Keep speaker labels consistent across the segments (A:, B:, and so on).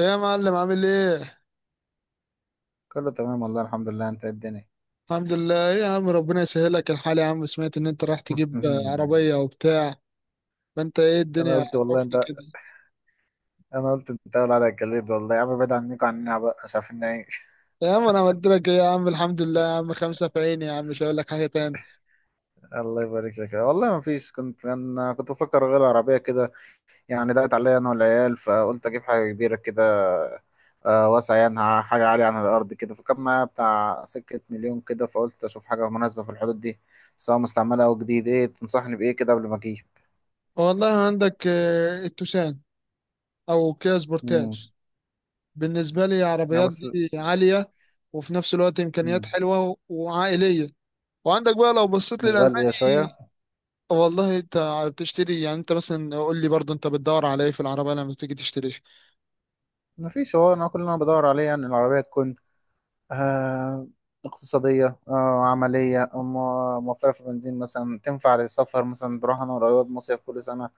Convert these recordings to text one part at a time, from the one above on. A: ايه يا معلم، عامل ايه؟
B: كله تمام والله الحمد لله. انت ايه الدنيا؟
A: الحمد لله. ايه يا عم، ربنا يسهلك الحال. يا عم سمعت ان انت رايح تجيب عربية وبتاع. ما انت، ايه
B: انا
A: الدنيا؟
B: قلت والله انت.
A: عرفني كده.
B: انا قلت انت اول على الجليد والله يا عم، بعيد عنكم عننا بقى مش عارفين نعيش.
A: يا عم انا عملت لك ايه؟ يا عم الحمد لله. يا عم خمسة في عيني، يا عم مش هقول لك حاجة تاني.
B: الله يبارك لك والله. ما فيش، كنت بفكر اغير العربيه كده. يعني ضاقت عليا انا والعيال، فقلت اجيب حاجه كبيره كده، واسعه يعني، حاجه عاليه عن الارض كده. فكان معايا بتاع سكه مليون كده، فقلت اشوف حاجه مناسبه في الحدود دي، سواء مستعمله او جديد. ايه تنصحني بايه كده قبل ما اجيب؟
A: والله عندك التوسان، او كيا
B: امم
A: سبورتاج. بالنسبة لي
B: اه
A: عربيات
B: بس.
A: دي عالية، وفي نفس الوقت امكانيات
B: مم.
A: حلوة وعائلية. وعندك بقى لو بصيت
B: مش غاليه شويه؟
A: للالماني. والله انت بتشتري، يعني انت مثلا قول لي برضه، انت بتدور على ايه في العربية لما تيجي تشتري؟
B: ما فيش، هو انا كل اللي انا بدور عليه يعني العربيه تكون، آه، اقتصاديه، آه، عمليه، موفره في البنزين مثلا، تنفع للسفر مثلا. بروح انا وقريب مصيف كل سنه.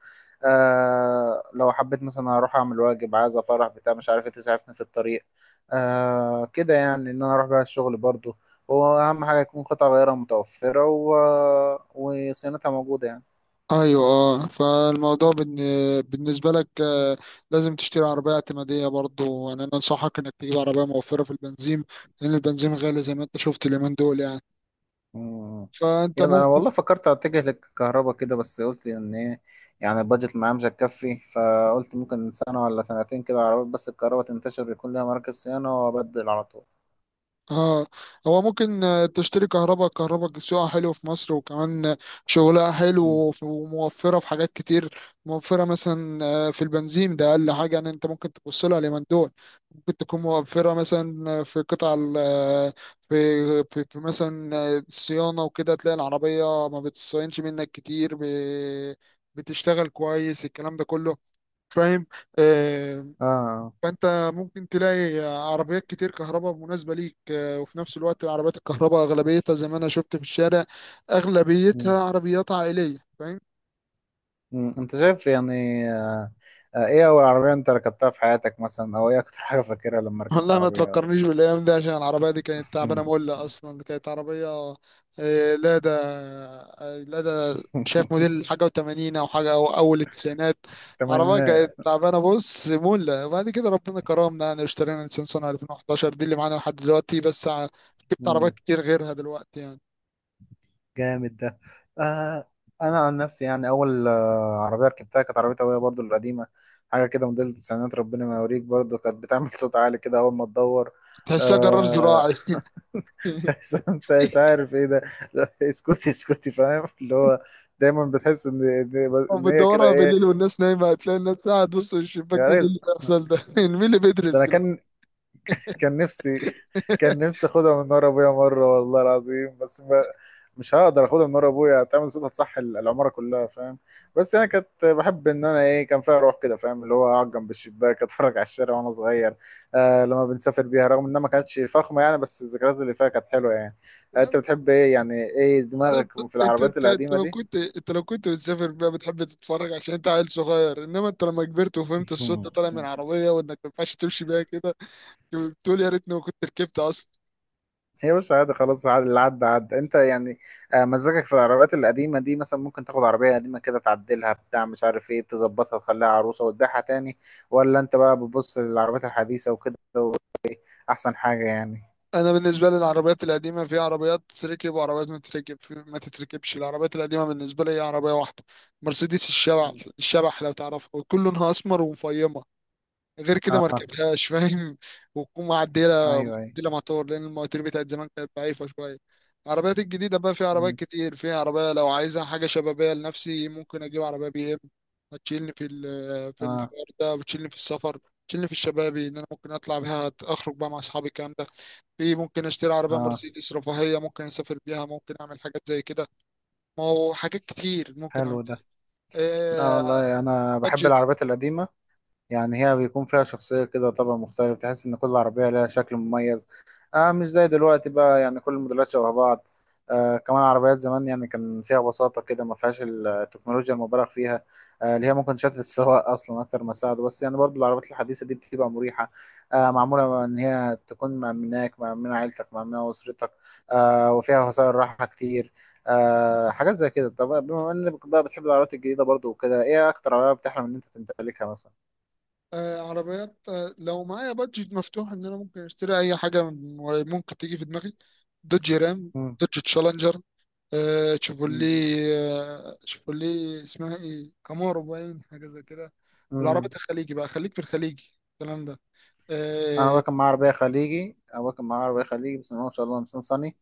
B: آه، لو حبيت مثلا اروح اعمل واجب، عايز افرح، بتاع مش عارف ايه، تسعفني في الطريق. آه كده، يعني ان انا اروح بيها الشغل برضو. واهم حاجه يكون قطع غيارها متوفره وصيانتها موجوده يعني.
A: ايوه اه، فالموضوع بالنسبه لك، لازم تشتري عربيه اعتماديه. برضو يعني انا انصحك انك تجيب عربيه موفره في البنزين، لان البنزين غالي زي ما انت شفت اليومين دول يعني.
B: مم.
A: فانت
B: يلا انا
A: ممكن.
B: والله فكرت اتجه للكهرباء كده، بس قلت ان ايه، يعني البادجت معايا مش هتكفي. فقلت ممكن سنه ولا سنتين كده عربيات، بس الكهرباء تنتشر يكون لها مراكز صيانه وابدل على طول.
A: اه. هو ممكن تشتري كهرباء. كهرباء سوقها حلو في مصر، وكمان شغلها حلو
B: مم.
A: وموفرة في حاجات كتير. موفرة مثلا في البنزين، ده أقل حاجة يعني. أنت ممكن تبص لها اليومين دول. ممكن تكون موفرة مثلا في قطع في في مثلا صيانة، وكده تلاقي العربية ما بتصينش منك كتير، بتشتغل كويس، الكلام ده كله. فاهم؟ آه،
B: اه.
A: فانت ممكن تلاقي عربيات كتير كهرباء مناسبه ليك، وفي نفس الوقت العربيات الكهرباء اغلبيتها زي ما انا شفت في الشارع،
B: مم.
A: اغلبيتها عربيات عائليه، فاهم؟
B: مم. انت شايف يعني؟ آه. آه، ايه اول عربيه انت ركبتها في حياتك مثلا، او ايه اكتر حاجه فاكرها لما ركبت
A: والله ما
B: عربيه؟
A: تفكرنيش بالايام دي، عشان العربيه دي كانت تعبانه
B: مم.
A: مولة، اصلا كانت عربيه لادا. لادا، شايف موديل حاجه و80 او حاجه او اول التسعينات. عربيه
B: تمانينات.
A: كانت تعبانه بص مولة. وبعد كده ربنا كرمنا، يعني اشترينا نيسان صني 2011 دي اللي معانا لحد دلوقتي، بس جبت عربيات كتير غيرها دلوقتي يعني.
B: جامد ده. آه، انا عن نفسي يعني اول آه عربيه ركبتها كانت عربيه ابويا برضو القديمه. حاجه كده موديل التسعينات، ربنا ما يوريك، برضو كانت بتعمل صوت عالي كده اول ما تدور.
A: تحسها جرار
B: آه.
A: زراعي.
B: تحس انت مش عارف ايه ده. لا، اسكتي اسكتي، فاهم اللي هو، دايما بتحس ان إن هي كده
A: وبتدورها
B: ايه،
A: بالليل والناس نايمة، هتلاقي الناس قاعد تبص من الشباك
B: يا
A: مين اللي
B: ريس.
A: بيحصل ده. مين اللي
B: ده
A: بيدرس
B: انا
A: دلوقتي؟
B: كان، كان نفسي، كان نفسي اخدها من ورا ابويا مره والله العظيم، بس ما، مش هقدر اخدها من ورا ابويا، هتعمل صوت، هتصح العماره كلها، فاهم. بس انا كنت بحب ان انا ايه، كان فيها روح كده، فاهم اللي هو اقعد جنب الشباك اتفرج على الشارع وانا صغير. آه، لما بنسافر بيها، رغم انها ما كانتش فخمه يعني، بس الذكريات اللي فيها كانت حلوه يعني. آه،
A: يا
B: انت
A: عم
B: بتحب ايه يعني، ايه
A: تعالى
B: دماغك
A: انت
B: في
A: انت
B: العربيات
A: انت انت
B: القديمه
A: لو
B: دي؟
A: كنت انت لو كنت بتسافر بقى، بتحب تتفرج عشان انت عيل صغير، انما انت لما كبرت وفهمت الصوت ده طالع من عربية وانك ما ينفعش تمشي بيها كده بتقول يا ريتني ما كنت ركبت.
B: هي مش عادي، خلاص، اللي عدى عدى انت يعني. آه، مزاجك في العربيات القديمة دي، مثلا ممكن تاخد عربية قديمة كده تعدلها، بتاع مش عارف ايه، تظبطها تخليها عروسة وتبيعها تاني، ولا انت بقى بتبص للعربيات الحديثة وكده احسن حاجة يعني؟
A: انا بالنسبه لي العربيات القديمه في عربيات تتركب وعربيات ما تتركب. ما تتركبش العربيات القديمه بالنسبه لي، هي عربيه واحده، مرسيدس الشبح.
B: مم.
A: الشبح لو تعرفها، ويكون لونها اسمر ومفيمه، غير كده ما
B: اه.
A: ركبتهاش، فاهم؟ وتكون معدله،
B: ايوه ايوه.
A: معدله موتور، لان المواتير بتاعت زمان كانت ضعيفه شويه. العربيات الجديده بقى في عربيات
B: مم.
A: كتير، في عربيه لو عايزها حاجه شبابيه لنفسي ممكن اجيب عربيه بي ام. هتشيلني في
B: اه.
A: الحوار ده، وتشيلني في السفر. تشيلني في الشبابي ان انا ممكن اطلع بيها اخرج بقى مع اصحابي الكلام ده. في، ممكن اشتري عربية
B: اه.
A: مرسيدس رفاهية، ممكن اسافر بيها، ممكن اعمل حاجات زي كده. ما هو حاجات كتير ممكن اعمل.
B: حلو ده. لا
A: آه
B: والله انا بحب
A: بادجت.
B: العربيات القديمة، يعني هي بيكون فيها شخصية كده، طبع مختلف، تحس إن كل عربية لها شكل مميز. آه، مش زي دلوقتي بقى، يعني كل الموديلات شبه بعض. آه، كمان عربيات زمان يعني كان فيها بساطة كده، ما فيهاش التكنولوجيا المبالغ فيها. آه، اللي هي ممكن شتت السواق أصلا أكتر ما تساعده. بس يعني برضو العربيات الحديثة دي بتبقى مريحة. آه، معمولة إن هي تكون مأمناك، مأمنة عيلتك، مأمنة أسرتك. آه، وفيها وسائل راحة كتير. آه، حاجات زي كده. طب بما إنك بقى بتحب العربيات الجديدة برضو وكده، إيه أكتر عربية بتحلم إن أنت تمتلكها مثلا؟
A: عربيات، لو معايا بادجت مفتوح ان انا ممكن اشتري اي حاجة ممكن تيجي في دماغي. دوج رام، دوج تشالنجر، تشيفولي،
B: مم.
A: تشيفولي اسمها ايه، كامارو، باين حاجة زي كده.
B: مم.
A: والعربيات الخليجي بقى، خليك في الخليجي، الكلام ده.
B: انا ابويا
A: آه
B: كان معاه عربيه خليجي. ابويا كان معاه عربيه خليجي بس ما شاء الله، نيسان صني.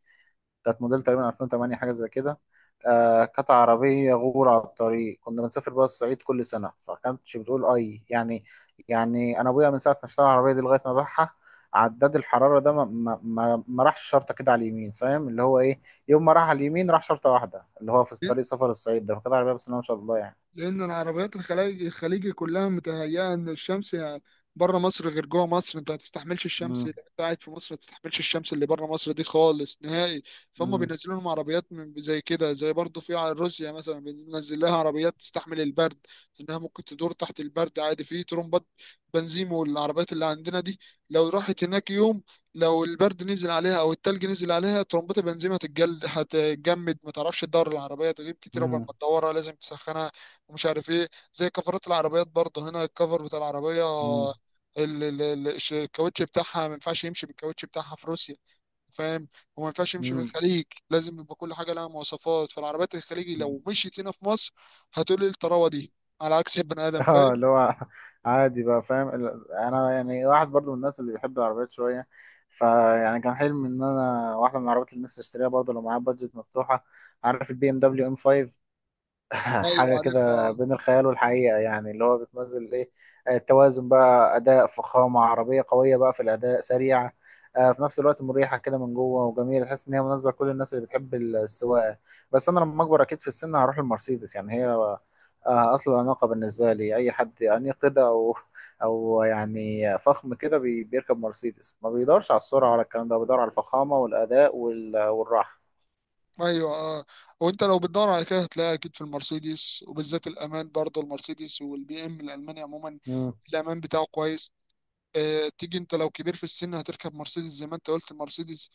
B: كانت موديل تقريبا 2008، حاجه زي كده. آه، كانت عربيه غور على الطريق. كنا بنسافر بقى الصعيد كل سنه، فكانتش بتقول اي يعني. يعني انا ابويا من ساعه ما اشترى العربيه دي لغايه ما باعها، عداد الحراره ده ما راحش شرطه كده على اليمين، فاهم اللي هو ايه. يوم ما راح على اليمين راح شرطه واحده، اللي هو في طريق سفر الصعيد ده. فكانت عربيه بس ما شاء الله يعني.
A: لأن العربيات الخليجي كلها متهيئة إن الشمس يعني، بره مصر غير جوه مصر، أنت ما تستحملش الشمس،
B: مم.
A: أنت قاعد في مصر ما تستحملش الشمس اللي بره مصر دي خالص نهائي. فهم
B: مم.
A: بينزلوا لهم عربيات زي كده، زي برضه في روسيا مثلا بينزل لها عربيات تستحمل البرد، إنها ممكن تدور تحت البرد عادي، في ترمبات بنزين. والعربيات اللي عندنا دي لو راحت هناك يوم، لو البرد نزل عليها او التلج نزل عليها، ترمبات البنزين هتتجمد، ما تعرفش تدور. العربيه تغيب كتير قبل ما
B: مم.
A: تدورها، لازم تسخنها ومش عارف ايه. زي كفرات العربيات برضه، هنا الكفر بتاع العربية، الكاوتش بتاعها ما ينفعش يمشي بالكاوتش بتاعها في روسيا، فاهم؟ وما ينفعش يمشي في
B: مم.
A: الخليج. لازم يبقى كل حاجة لها مواصفات. فالعربيات الخليجي
B: مم.
A: لو مشيت هنا في مصر، هتقول ايه الطراوة دي، على عكس البني آدم،
B: اه،
A: فاهم؟
B: اللي هو عادي بقى، فاهم انا يعني واحد برضو من الناس اللي بيحب العربيات شويه. فيعني كان حلمي ان انا واحده من العربيات اللي نفسي اشتريها برضو لو معايا بادجت مفتوحه، عارف البي ام دبليو ام 5؟
A: ايوه
B: حاجة
A: عارفها،
B: كده
A: آه.
B: بين الخيال والحقيقة يعني، اللي هو بتمثل ايه، آه، التوازن بقى، أداء، فخامة، عربية قوية بقى في الأداء، سريعة، آه، في نفس الوقت مريحة كده من جوه، وجميلة، تحس إن هي مناسبة لكل الناس اللي بتحب السواقة. بس أنا لما أكبر أكيد في السن هروح للمرسيدس، يعني هي آه، أصل الأناقة بالنسبة لي. أي حد أنيق كده أو، أو يعني فخم كده، بيركب مرسيدس. ما بيدورش على السرعة ولا الكلام ده، بيدور على الفخامة والأداء والراحة.
A: ايوه اه، وانت لو بتدور على كده هتلاقيها اكيد في المرسيدس، وبالذات الامان برضه المرسيدس والبي ام الالماني عموما،
B: مم.
A: الامان بتاعه كويس. تيجي انت لو كبير في السن هتركب مرسيدس زي ما انت قلت، المرسيدس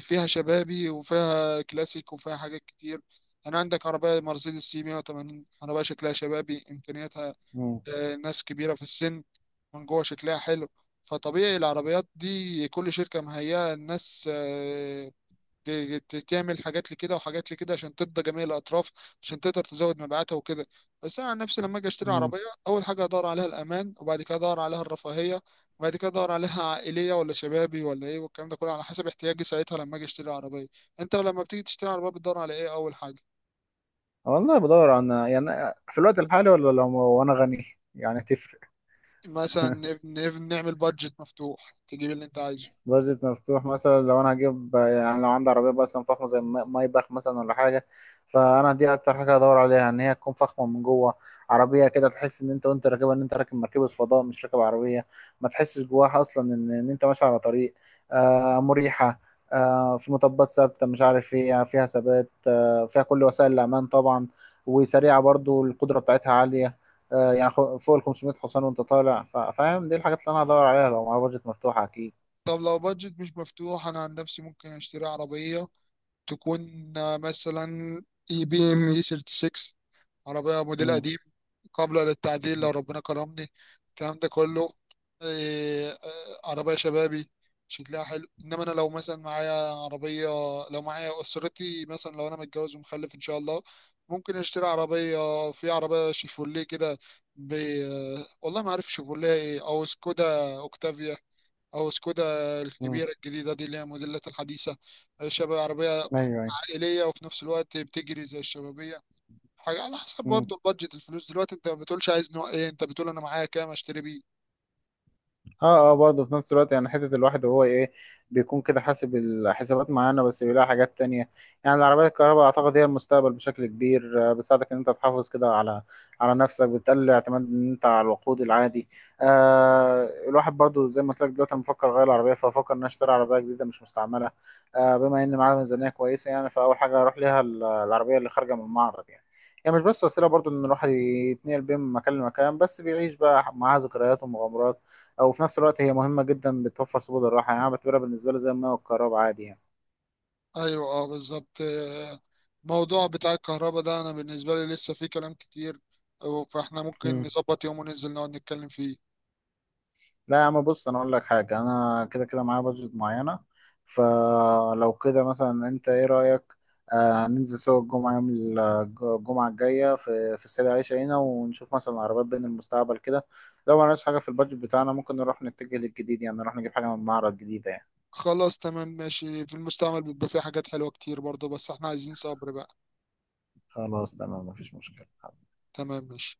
A: فيها شبابي وفيها كلاسيك وفيها حاجات كتير. انا عندك عربية مرسيدس سي 180، عربية شكلها شبابي، امكانياتها
B: مم.
A: ناس كبيرة في السن، من جوه شكلها حلو. فطبيعي العربيات دي كل شركة مهيئة الناس، تعمل حاجات لكده وحاجات لكده عشان ترضى جميع الاطراف، عشان تقدر تزود مبيعاتها وكده. بس انا عن نفسي لما اجي اشتري
B: مم.
A: عربيه، اول حاجه ادور عليها الامان، وبعد كده ادور عليها الرفاهيه، وبعد كده ادور عليها عائليه ولا شبابي ولا ايه، والكلام ده كله على حسب احتياجي ساعتها لما اجي اشتري عربيه. انت لما بتيجي تشتري عربيه بتدور على ايه اول حاجه؟
B: والله بدور عن يعني، في الوقت الحالي ولا لو وانا غني؟ يعني تفرق.
A: مثلا نعمل بادجت مفتوح، تجيب اللي انت عايزه.
B: بادجت مفتوح مثلا، لو انا هجيب يعني لو عندي عربيه مثلا فخمه زي، مايباخ مثلا ولا حاجه، فانا دي اكتر حاجه هدور عليها، ان هي تكون فخمه من جوه. عربيه كده تحس ان انت وانت راكبها ان انت راكب مركبه فضاء، مش راكب عربيه. ما تحسش جواها اصلا ان ان انت ماشي على طريق. آه، مريحه، آه، في مطبات ثابته، مش عارف ايه، يعني فيها ثبات، آه، فيها كل وسائل الامان طبعا. وسريعه برضو، القدره بتاعتها عاليه، آه، يعني فوق ال 500 حصان وانت طالع، فاهم. دي الحاجات اللي انا هدور عليها لو معايا بادجت مفتوحه اكيد.
A: طب لو بادجت مش مفتوح، انا عن نفسي ممكن اشتري عربيه تكون مثلا اي بي ام اي 36، عربيه موديل قديم، قابلة للتعديل
B: مم.
A: لو ربنا كرمني، الكلام ده كله. إيه، آه، عربية شبابي شكلها حلو. إنما أنا لو مثلا معايا عربية، لو معايا أسرتي مثلا، لو أنا متجوز ومخلف إن شاء الله، ممكن أشتري عربية. في عربية شيفوليه كده، ب... والله ما عارف شيفوليه إيه، أو سكودا أوكتافيا، أو سكودا
B: مم.
A: الكبيرة الجديدة دي اللي هي موديلات الحديثة. شباب عربية
B: ايوه ايوه.
A: عائلية، وفي نفس الوقت بتجري زي الشبابية. حاجة على حسب
B: مم.
A: برضه البادجت الفلوس. دلوقتي انت ما بتقولش عايز نوع ايه، انت بتقول انا معايا كام اشتري بيه.
B: اه. اه، برضه في نفس الوقت يعني، حتة الواحد وهو ايه، بيكون كده حاسب الحسابات معانا بس بيلاقي حاجات تانية. يعني العربيات الكهرباء اعتقد هي المستقبل بشكل كبير. آه، بتساعدك ان انت تحافظ كده على على نفسك، بتقلل الاعتماد ان انت على الوقود العادي. آه، الواحد برضه زي ما قلت لك دلوقتي انا بفكر اغير العربية، فافكر ان أنا اشتري عربية جديدة مش مستعملة. آه، بما ان معايا ميزانية كويسة يعني، فاول حاجة هروح ليها العربية اللي خارجة من المعرض يعني. هي يعني مش بس وسيلة برضه ان الواحد يتنقل بين مكان لمكان، بس بيعيش بقى معاها ذكريات ومغامرات. او في نفس الوقت هي مهمه جدا، بتوفر سبل الراحه يعني. انا بعتبرها بالنسبه لي زي الماء والكهرباء عادي يعني.
A: ايوه اه، بالظبط. الموضوع بتاع الكهرباء ده، انا بالنسبة لي لسه فيه كلام كتير. فاحنا ممكن
B: مم.
A: نظبط يوم وننزل نقعد نتكلم فيه.
B: لا يا عم بص، انا اقول لك حاجه، انا كده كده معايا بادجت معينه. فلو كده مثلا، انت ايه رايك، آه ننزل سوا الجمعه يوم آه، الجمعه الجايه في السيده عائشه هنا، ونشوف مثلا عربيات بين المستقبل كده. لو ما لقاش حاجه في البادجت بتاعنا، ممكن نروح نتجه للجديد، يعني نروح نجيب حاجه من معرض جديده يعني.
A: خلاص تمام ماشي. في المستعمل بيبقى فيه حاجات حلوة كتير برضه، بس احنا عايزين صبر بقى.
B: خلاص تمام، مفيش مشكله.
A: تمام ماشي.